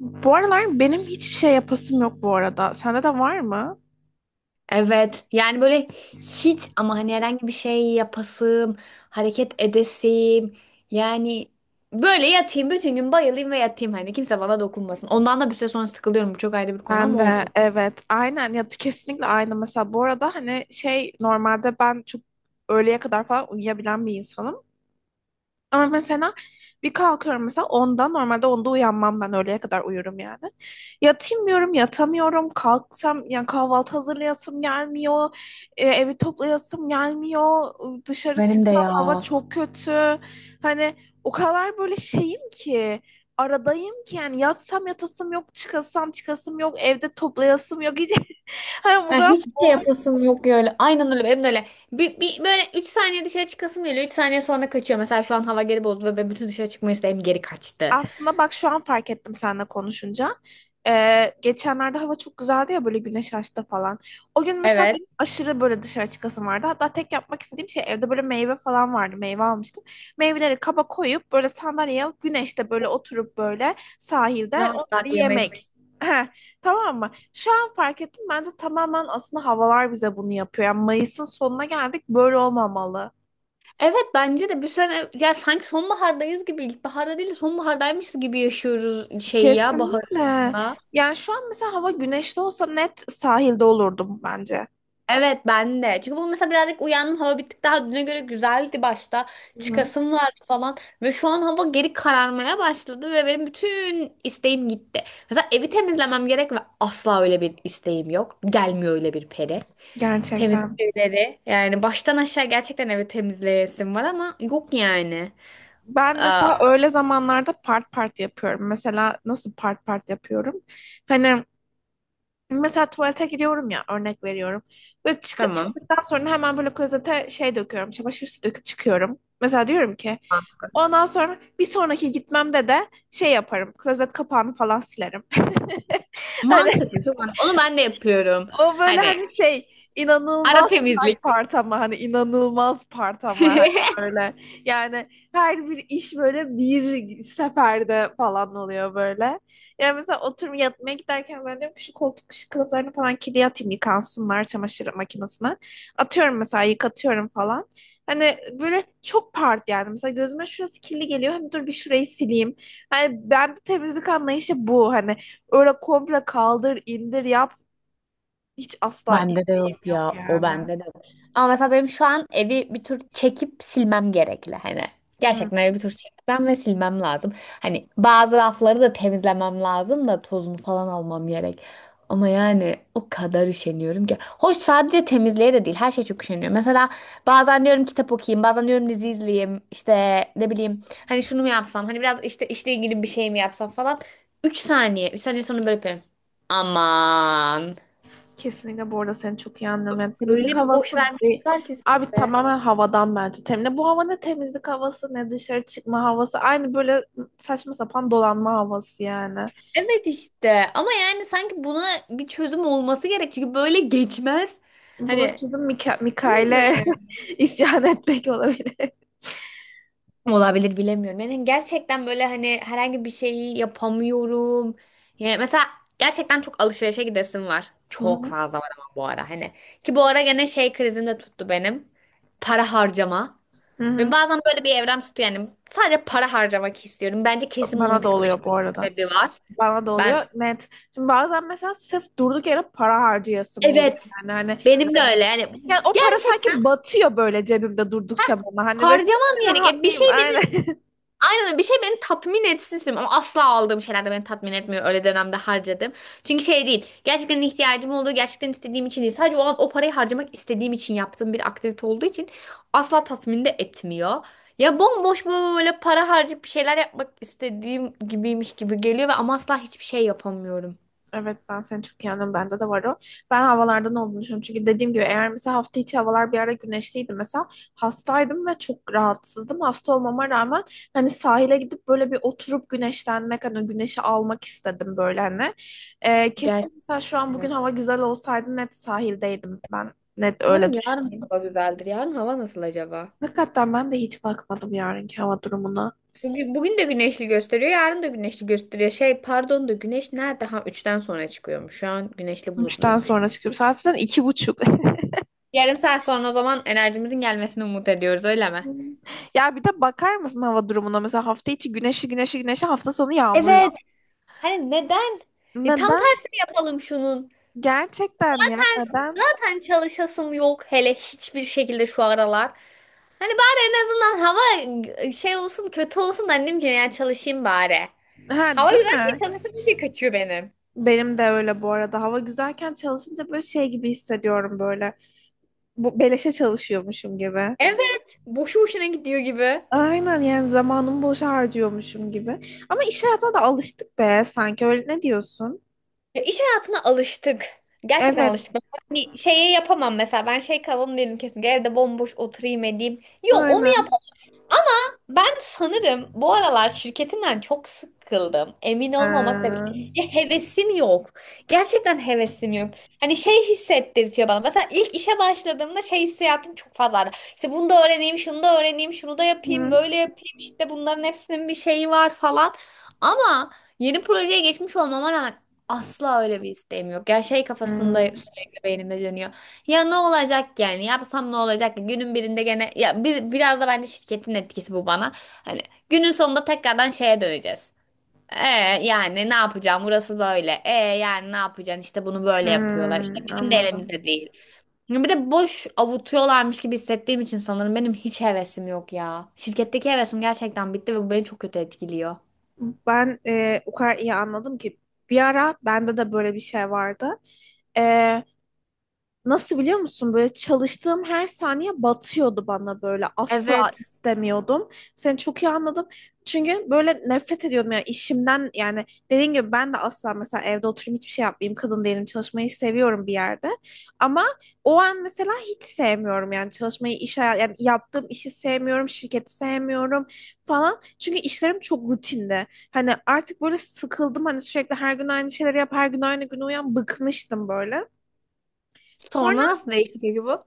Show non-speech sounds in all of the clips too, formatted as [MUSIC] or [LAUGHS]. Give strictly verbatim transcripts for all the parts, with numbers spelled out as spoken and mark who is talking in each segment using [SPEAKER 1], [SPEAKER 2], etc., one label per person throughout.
[SPEAKER 1] Bu aralar benim hiçbir şey yapasım yok bu arada. Sende de var mı?
[SPEAKER 2] Evet yani böyle hiç ama hani herhangi bir şey yapasım, hareket edesim yani böyle yatayım bütün gün bayılayım ve yatayım hani kimse bana dokunmasın. Ondan da bir süre sonra sıkılıyorum, bu çok ayrı bir konu
[SPEAKER 1] Ben
[SPEAKER 2] ama
[SPEAKER 1] de
[SPEAKER 2] olsun.
[SPEAKER 1] evet, aynen ya, kesinlikle aynı. Mesela bu arada hani şey, normalde ben çok öğleye kadar falan uyuyabilen bir insanım. Ama mesela bir kalkıyorum, mesela onda, normalde onda uyanmam ben, öğleye kadar uyurum yani. Yatayım diyorum yatamıyorum, kalksam yani kahvaltı hazırlayasım gelmiyor. E, evi toplayasım gelmiyor. Dışarı
[SPEAKER 2] Benim de
[SPEAKER 1] çıksam
[SPEAKER 2] ya.
[SPEAKER 1] hava çok kötü. Hani o kadar böyle şeyim ki, aradayım ki, yani yatsam yatasım yok, çıkasam çıkasım yok, evde toplayasım yok. [LAUGHS] Hani bu
[SPEAKER 2] Ben
[SPEAKER 1] kadar
[SPEAKER 2] hiçbir şey
[SPEAKER 1] bom.
[SPEAKER 2] yapasım yok ya öyle. Aynen öyle, benim de öyle. Bir, bir- böyle üç saniye dışarı çıkasım geliyor, üç saniye sonra kaçıyor. Mesela şu an hava geri bozdu ve ben bütün dışarı çıkma isteğim geri kaçtı.
[SPEAKER 1] Aslında bak şu an fark ettim seninle konuşunca. Ee, geçenlerde hava çok güzeldi ya, böyle güneş açtı falan. O gün mesela
[SPEAKER 2] Evet,
[SPEAKER 1] benim aşırı böyle dışarı çıkasım vardı. Hatta tek yapmak istediğim şey, evde böyle meyve falan vardı. Meyve almıştım. Meyveleri kaba koyup böyle sandalyeye alıp güneşte böyle oturup böyle sahilde
[SPEAKER 2] rahat
[SPEAKER 1] onları
[SPEAKER 2] rahat yemek.
[SPEAKER 1] yemek. Heh, tamam mı? Şu an fark ettim. Bence tamamen aslında havalar bize bunu yapıyor. Yani Mayıs'ın sonuna geldik. Böyle olmamalı.
[SPEAKER 2] Evet, bence de bir sene ya sanki sonbahardayız gibi, ilkbaharda değil de sonbahardaymışız gibi yaşıyoruz şeyi ya, bahar
[SPEAKER 1] Kesinlikle.
[SPEAKER 2] sonunda.
[SPEAKER 1] Yani şu an mesela hava güneşli olsa net sahilde olurdum bence.
[SPEAKER 2] Evet, ben de. Çünkü bu, mesela birazcık uyandım, hava bir tık daha düne göre güzeldi başta.
[SPEAKER 1] Hı.
[SPEAKER 2] Çıkasım vardı falan. Ve şu an hava geri kararmaya başladı ve benim bütün isteğim gitti. Mesela evi temizlemem gerek ve asla öyle bir isteğim yok. Gelmiyor öyle bir peri. Temizlik
[SPEAKER 1] Gerçekten.
[SPEAKER 2] şeyleri. Yani baştan aşağı gerçekten evi temizleyesim var ama yok yani.
[SPEAKER 1] Ben
[SPEAKER 2] Aa,
[SPEAKER 1] mesela öğle zamanlarda part part yapıyorum. Mesela nasıl part part yapıyorum? Hani mesela tuvalete gidiyorum ya, örnek veriyorum. Böyle çık
[SPEAKER 2] tamam.
[SPEAKER 1] çıktıktan sonra hemen böyle klozete şey döküyorum. Çamaşır suyu döküp çıkıyorum. Mesela diyorum ki ondan sonra bir sonraki gitmemde de şey yaparım. Klozet kapağını falan silerim. [LAUGHS] Hani
[SPEAKER 2] Mantıklı, çok mantıklı. Onu ben de yapıyorum.
[SPEAKER 1] o böyle
[SPEAKER 2] Hani
[SPEAKER 1] hani şey,
[SPEAKER 2] ara
[SPEAKER 1] inanılmaz
[SPEAKER 2] temizlik.
[SPEAKER 1] sert part ama hani, inanılmaz part ama hani
[SPEAKER 2] [LAUGHS]
[SPEAKER 1] böyle, yani her bir iş böyle bir seferde falan oluyor böyle. Yani mesela oturup yatmaya giderken ben diyorum ki şu koltuk, şu kılıflarını falan kirli, atayım yıkansınlar çamaşır makinesine. Atıyorum mesela, yıkatıyorum falan. Hani böyle çok part yani. Mesela gözüme şurası kirli geliyor. Hani dur bir şurayı sileyim. Hani ben de temizlik anlayışı bu. Hani öyle komple kaldır, indir, yap, hiç asla
[SPEAKER 2] Bende de
[SPEAKER 1] isteğim
[SPEAKER 2] yok
[SPEAKER 1] yok
[SPEAKER 2] ya. O
[SPEAKER 1] yani.
[SPEAKER 2] bende de var. Ama mesela benim şu an evi bir tur çekip silmem gerekli hani.
[SPEAKER 1] Hı.
[SPEAKER 2] Gerçekten evi bir tur çekmem ve silmem lazım. Hani bazı rafları da temizlemem lazım da tozunu falan almam gerek. Ama yani o kadar üşeniyorum ki. Hoş sadece temizliğe de değil. Her şey çok üşeniyor. Mesela bazen diyorum kitap okuyayım. Bazen diyorum dizi izleyeyim. İşte ne bileyim. Hani şunu mu yapsam? Hani biraz işte işle ilgili bir şey mi yapsam falan. Üç saniye. Üç saniye sonra böyle yapıyorum. Aman.
[SPEAKER 1] Kesinlikle bu arada seni çok iyi anlıyorum. Yani temizlik
[SPEAKER 2] Öyle bir boş
[SPEAKER 1] havası değil.
[SPEAKER 2] vermişler ki
[SPEAKER 1] Abi
[SPEAKER 2] size.
[SPEAKER 1] tamamen havadan bence. Temizlik. Bu hava ne temizlik havası ne dışarı çıkma havası. Aynı böyle saçma sapan dolanma havası yani.
[SPEAKER 2] Evet işte, ama yani sanki buna bir çözüm olması gerek çünkü böyle geçmez.
[SPEAKER 1] Buna
[SPEAKER 2] Hani
[SPEAKER 1] çözüm Mika
[SPEAKER 2] olmuyor
[SPEAKER 1] Mikail'e
[SPEAKER 2] yani.
[SPEAKER 1] [LAUGHS] isyan etmek olabilir.
[SPEAKER 2] Olabilir, bilemiyorum. Yani gerçekten böyle hani herhangi bir şeyi yapamıyorum. Yani mesela gerçekten çok alışverişe gidesim var.
[SPEAKER 1] Hı
[SPEAKER 2] Çok
[SPEAKER 1] hı.
[SPEAKER 2] fazla var ama bu ara hani. Ki bu ara gene şey krizim de tuttu benim. Para harcama.
[SPEAKER 1] Hı
[SPEAKER 2] Ben
[SPEAKER 1] hı.
[SPEAKER 2] bazen böyle bir evrem tutuyor yani. Sadece para harcamak istiyorum. Bence kesin bunun
[SPEAKER 1] Bana da
[SPEAKER 2] psikolojik
[SPEAKER 1] oluyor bu
[SPEAKER 2] bir
[SPEAKER 1] arada.
[SPEAKER 2] sebebi var.
[SPEAKER 1] Bana da oluyor.
[SPEAKER 2] Ben
[SPEAKER 1] Net. Şimdi bazen mesela sırf durduk yere para harcayasım geliyor.
[SPEAKER 2] evet,
[SPEAKER 1] Yani hani,
[SPEAKER 2] benim de öyle yani,
[SPEAKER 1] yani o para
[SPEAKER 2] gerçekten
[SPEAKER 1] sanki batıyor böyle cebimde durdukça bana. Hani böyle
[SPEAKER 2] harcamam
[SPEAKER 1] çıksın
[SPEAKER 2] yani. E, bir
[SPEAKER 1] rahatlayayım.
[SPEAKER 2] şey
[SPEAKER 1] Aynen.
[SPEAKER 2] beni,
[SPEAKER 1] [LAUGHS]
[SPEAKER 2] aynen öyle, bir şey beni tatmin etsin istiyorum ama asla aldığım şeyler de beni tatmin etmiyor, öyle dönemde harcadım. Çünkü şey değil, gerçekten ihtiyacım olduğu, gerçekten istediğim için değil, sadece o an o parayı harcamak istediğim için, yaptığım bir aktivite olduğu için asla tatmin de etmiyor. Ya bomboş böyle para harcayıp bir şeyler yapmak istediğim gibiymiş gibi geliyor ve ama asla hiçbir şey yapamıyorum.
[SPEAKER 1] Evet ben seni çok iyi anlıyorum. Bende de var o. Ben havalardan olduğunu düşünüyorum. Çünkü dediğim gibi, eğer mesela hafta içi havalar bir ara güneşliydi mesela, hastaydım ve çok rahatsızdım. Hasta olmama rağmen hani sahile gidip böyle bir oturup güneşlenmek, hani güneşi almak istedim böyle hani. Ee,
[SPEAKER 2] Gerçekten.
[SPEAKER 1] kesin mesela şu an bugün hava güzel olsaydı net sahildeydim ben. Net öyle
[SPEAKER 2] Umarım yarın
[SPEAKER 1] düşünüyorum.
[SPEAKER 2] hava güzeldir. Yarın hava nasıl acaba?
[SPEAKER 1] Hakikaten ben de hiç bakmadım yarınki hava durumuna.
[SPEAKER 2] Bugün, bugün de güneşli gösteriyor, yarın da güneşli gösteriyor. Şey, pardon da güneş nerede? Ha, üçten sonra çıkıyormuş. Şu an güneşli
[SPEAKER 1] Üçten
[SPEAKER 2] bulutluymuş.
[SPEAKER 1] sonra çıkıyorum. Saat zaten iki buçuk. [LAUGHS]
[SPEAKER 2] Yarım saat sonra o zaman enerjimizin gelmesini umut ediyoruz, öyle mi?
[SPEAKER 1] Hı. Ya bir de bakar mısın hava durumuna? Mesela hafta içi güneşli güneşli güneşli, hafta sonu yağmurlu.
[SPEAKER 2] Evet. Hani neden? Ya tam
[SPEAKER 1] Neden?
[SPEAKER 2] tersini yapalım şunun.
[SPEAKER 1] Gerçekten ya, neden?
[SPEAKER 2] Zaten çalışasım yok hele, hiçbir şekilde şu aralar. Hani bari en azından hava şey olsun, kötü olsun da annem ki yani çalışayım bari.
[SPEAKER 1] Ha,
[SPEAKER 2] Hava
[SPEAKER 1] değil
[SPEAKER 2] güzelken
[SPEAKER 1] mi?
[SPEAKER 2] çalışasım iyice kaçıyor benim.
[SPEAKER 1] Benim de öyle bu arada. Hava güzelken çalışınca böyle şey gibi hissediyorum böyle. Bu beleşe çalışıyormuşum gibi.
[SPEAKER 2] Evet. Boşu boşuna gidiyor gibi.
[SPEAKER 1] Aynen, yani zamanımı boşa harcıyormuşum gibi. Ama iş hayatına da alıştık be, sanki öyle, ne diyorsun?
[SPEAKER 2] Ya iş hayatına alıştık. Gerçekten
[SPEAKER 1] Evet.
[SPEAKER 2] alıştık. Ben hani şeyi yapamam mesela. Ben şey kavramı değilim kesin. Evde bomboş oturayım edeyim. Yok onu yap,
[SPEAKER 1] Aynen.
[SPEAKER 2] ben sanırım bu aralar şirketimden çok sıkıldım. Emin
[SPEAKER 1] Ha.
[SPEAKER 2] olmamakla birlikte. Ya hevesim yok. Gerçekten hevesim yok. Hani şey hissettirtiyor bana. Mesela ilk işe başladığımda şey hissiyatım çok fazlaydı. İşte bunu da öğreneyim, şunu da öğreneyim, şunu da yapayım,
[SPEAKER 1] Hı.
[SPEAKER 2] böyle yapayım. İşte bunların hepsinin bir şeyi var falan. Ama yeni projeye geçmiş olmama rağmen asla öyle bir isteğim yok. Yani şey kafasında
[SPEAKER 1] Hı.
[SPEAKER 2] sürekli beynimde dönüyor. Ya ne olacak ki yani? Yapsam ne olacak ki? Günün birinde gene ya bir, biraz da bence şirketin etkisi bu bana. Hani günün sonunda tekrardan şeye döneceğiz. E yani ne yapacağım? Burası böyle. E yani ne yapacaksın? İşte bunu
[SPEAKER 1] Hı.
[SPEAKER 2] böyle yapıyorlar. İşte bizim de
[SPEAKER 1] Anladım.
[SPEAKER 2] elimizde değil. Yani bir de boş avutuyorlarmış gibi hissettiğim için sanırım benim hiç hevesim yok ya. Şirketteki hevesim gerçekten bitti ve bu beni çok kötü etkiliyor.
[SPEAKER 1] Ben e, o kadar iyi anladım ki bir ara bende de böyle bir şey vardı. E, Nasıl biliyor musun? Böyle çalıştığım her saniye batıyordu bana böyle. Asla
[SPEAKER 2] Evet.
[SPEAKER 1] istemiyordum. Seni çok iyi anladım. Çünkü böyle nefret ediyordum yani işimden, yani dediğin gibi ben de asla mesela evde oturayım hiçbir şey yapmayayım, kadın değilim, çalışmayı seviyorum bir yerde. Ama o an mesela hiç sevmiyorum yani çalışmayı, iş hayat yani yaptığım işi sevmiyorum, şirketi sevmiyorum falan. Çünkü işlerim çok rutinde. Hani artık böyle sıkıldım, hani sürekli her gün aynı şeyleri yap, her gün aynı gün uyan, bıkmıştım böyle. Sonra
[SPEAKER 2] Sonra nasıl değişti peki bu?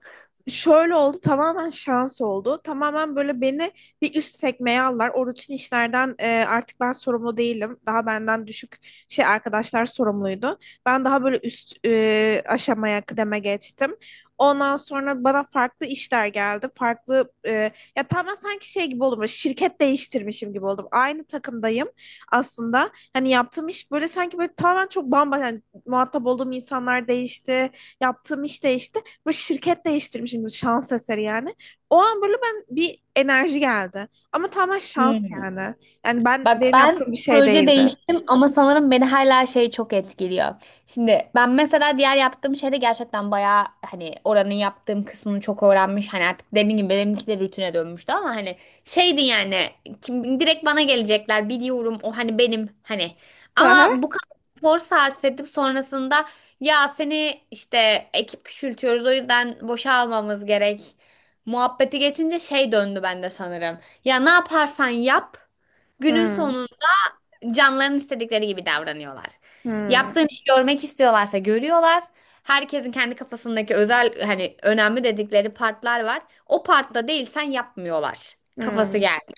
[SPEAKER 1] şöyle oldu, tamamen şans oldu. Tamamen böyle beni bir üst sekmeye aldılar. O rutin işlerden e, artık ben sorumlu değilim. Daha benden düşük şey arkadaşlar sorumluydu. Ben daha böyle üst e, aşamaya, kıdeme geçtim. Ondan sonra bana farklı işler geldi. Farklı e, ya tamamen sanki şey gibi oldum, böyle şirket değiştirmişim gibi oldum. Aynı takımdayım aslında. Hani yaptığım iş böyle sanki böyle tamamen çok bambaşka, yani muhatap olduğum insanlar değişti. Yaptığım iş değişti, bu şirket değiştirmişim şans eseri yani. O an böyle ben bir enerji geldi. Ama tamamen şans
[SPEAKER 2] Hmm.
[SPEAKER 1] yani. Yani ben,
[SPEAKER 2] Bak,
[SPEAKER 1] benim
[SPEAKER 2] ben
[SPEAKER 1] yaptığım bir şey
[SPEAKER 2] proje
[SPEAKER 1] değildi.
[SPEAKER 2] değiştim ama sanırım beni hala şey çok etkiliyor. Şimdi ben mesela diğer yaptığım şeyde gerçekten bayağı hani oranın yaptığım kısmını çok öğrenmiş. Hani artık dediğim gibi benimki de rutine dönmüştü ama hani şeydi yani, kim direkt bana gelecekler biliyorum, o hani benim hani.
[SPEAKER 1] Hı hı.
[SPEAKER 2] Ama bu kadar efor sarf edip sonrasında ya seni işte ekip küçültüyoruz, o yüzden boşa almamız gerek muhabbeti geçince şey döndü bende sanırım. Ya ne yaparsan yap, günün
[SPEAKER 1] Hmm,
[SPEAKER 2] sonunda canların istedikleri gibi davranıyorlar. Yaptığın
[SPEAKER 1] hmm,
[SPEAKER 2] işi görmek istiyorlarsa görüyorlar. Herkesin kendi kafasındaki özel hani önemli dedikleri partlar var. O partta değilsen yapmıyorlar. Kafası
[SPEAKER 1] hmm.
[SPEAKER 2] geldi.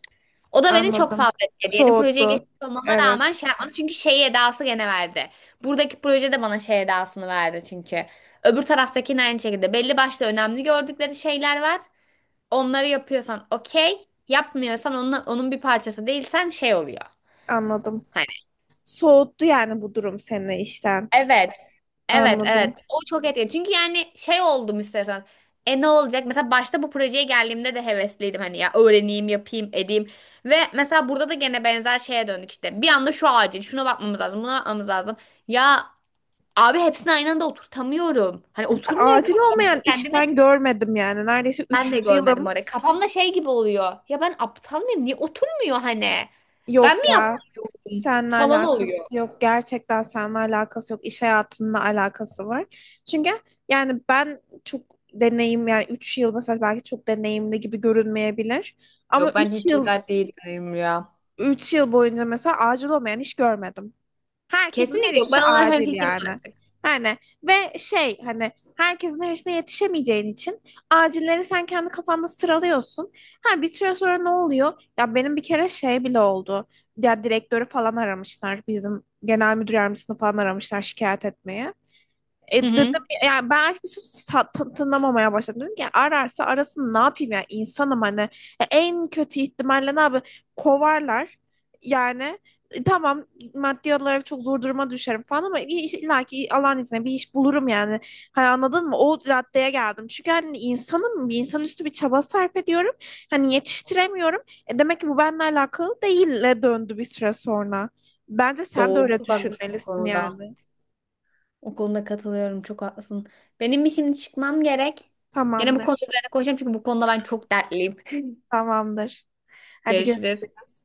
[SPEAKER 2] O da beni çok
[SPEAKER 1] Anladım.
[SPEAKER 2] fazla etkiledi. Yeni projeye
[SPEAKER 1] Soğuttu.
[SPEAKER 2] geçmiş olmama
[SPEAKER 1] Evet,
[SPEAKER 2] rağmen şey yapmadım. Çünkü şey edası gene verdi. Buradaki proje de bana şey edasını verdi çünkü. Öbür taraftakinin aynı şekilde. Belli başlı önemli gördükleri şeyler var. Onları yapıyorsan okey. Yapmıyorsan, onun, onun bir parçası değilsen şey oluyor.
[SPEAKER 1] anladım. Soğuttu yani, bu durum seni işten.
[SPEAKER 2] Evet. Evet, evet.
[SPEAKER 1] Anladım.
[SPEAKER 2] O çok etkili. Çünkü yani şey oldum istersen. E ne olacak? Mesela başta bu projeye geldiğimde de hevesliydim hani ya öğreneyim, yapayım, edeyim. Ve mesela burada da gene benzer şeye döndük işte. Bir anda şu acil, şuna bakmamız lazım, buna bakmamız lazım. Ya abi hepsini aynı anda oturtamıyorum. Hani oturmuyor
[SPEAKER 1] Acil
[SPEAKER 2] kafamda.
[SPEAKER 1] olmayan iş
[SPEAKER 2] Kendimi
[SPEAKER 1] ben görmedim yani. Neredeyse
[SPEAKER 2] ben de
[SPEAKER 1] üçüncü
[SPEAKER 2] görmedim
[SPEAKER 1] yılım.
[SPEAKER 2] oraya. Kafamda şey gibi oluyor. Ya ben aptal mıyım? Niye oturmuyor hani? Ben mi
[SPEAKER 1] Yok ya.
[SPEAKER 2] yapamıyorum?
[SPEAKER 1] Seninle
[SPEAKER 2] Falan oluyor.
[SPEAKER 1] alakası yok. Gerçekten seninle alakası yok. İş hayatında alakası var. Çünkü yani ben çok deneyim, yani üç yıl mesela belki çok deneyimli gibi görünmeyebilir. Ama
[SPEAKER 2] Yok, ben
[SPEAKER 1] üç
[SPEAKER 2] hiç
[SPEAKER 1] yıl
[SPEAKER 2] güzel değilim ya.
[SPEAKER 1] üç yıl boyunca mesela acil olmayan iş görmedim. Herkesin her
[SPEAKER 2] Kesinlikle yok.
[SPEAKER 1] işi
[SPEAKER 2] Ben ona
[SPEAKER 1] acil
[SPEAKER 2] hemfikirim
[SPEAKER 1] yani.
[SPEAKER 2] artık.
[SPEAKER 1] Yani ve şey, hani herkesin her işine yetişemeyeceğin için acilleri sen kendi kafanda sıralıyorsun. Ha, bir süre sonra ne oluyor? Ya benim bir kere şey bile oldu. Ya direktörü falan aramışlar. Bizim genel müdür yardımcısını falan aramışlar şikayet etmeye.
[SPEAKER 2] Hı
[SPEAKER 1] E
[SPEAKER 2] hı.
[SPEAKER 1] dedim ya- yani ben artık bir sus- sa- ta- tınlamamaya başladım. Dedim ki ararsa arasın, ne yapayım ya, insanım hani. E, en kötü ihtimalle ne yapayım, kovarlar. Yani e, tamam, maddi olarak çok zor duruma düşerim falan ama bir iş, illa ki Allah'ın izniyle bir iş bulurum yani. Hani anladın mı? O raddeye geldim. Çünkü hani insanım, bir insanüstü bir çaba sarf ediyorum. Hani yetiştiremiyorum. E demek ki bu benimle alakalı değille döndü bir süre sonra. Bence sen de
[SPEAKER 2] Doğru.
[SPEAKER 1] öyle
[SPEAKER 2] Çok haklısın o
[SPEAKER 1] düşünmelisin
[SPEAKER 2] konuda.
[SPEAKER 1] yani.
[SPEAKER 2] O konuda katılıyorum. Çok haklısın. Benim bir şimdi çıkmam gerek. Gene bu konu
[SPEAKER 1] Tamamdır.
[SPEAKER 2] üzerine konuşacağım çünkü bu konuda ben çok dertliyim.
[SPEAKER 1] Tamamdır.
[SPEAKER 2] [LAUGHS]
[SPEAKER 1] Hadi
[SPEAKER 2] Görüşürüz.
[SPEAKER 1] görüşürüz.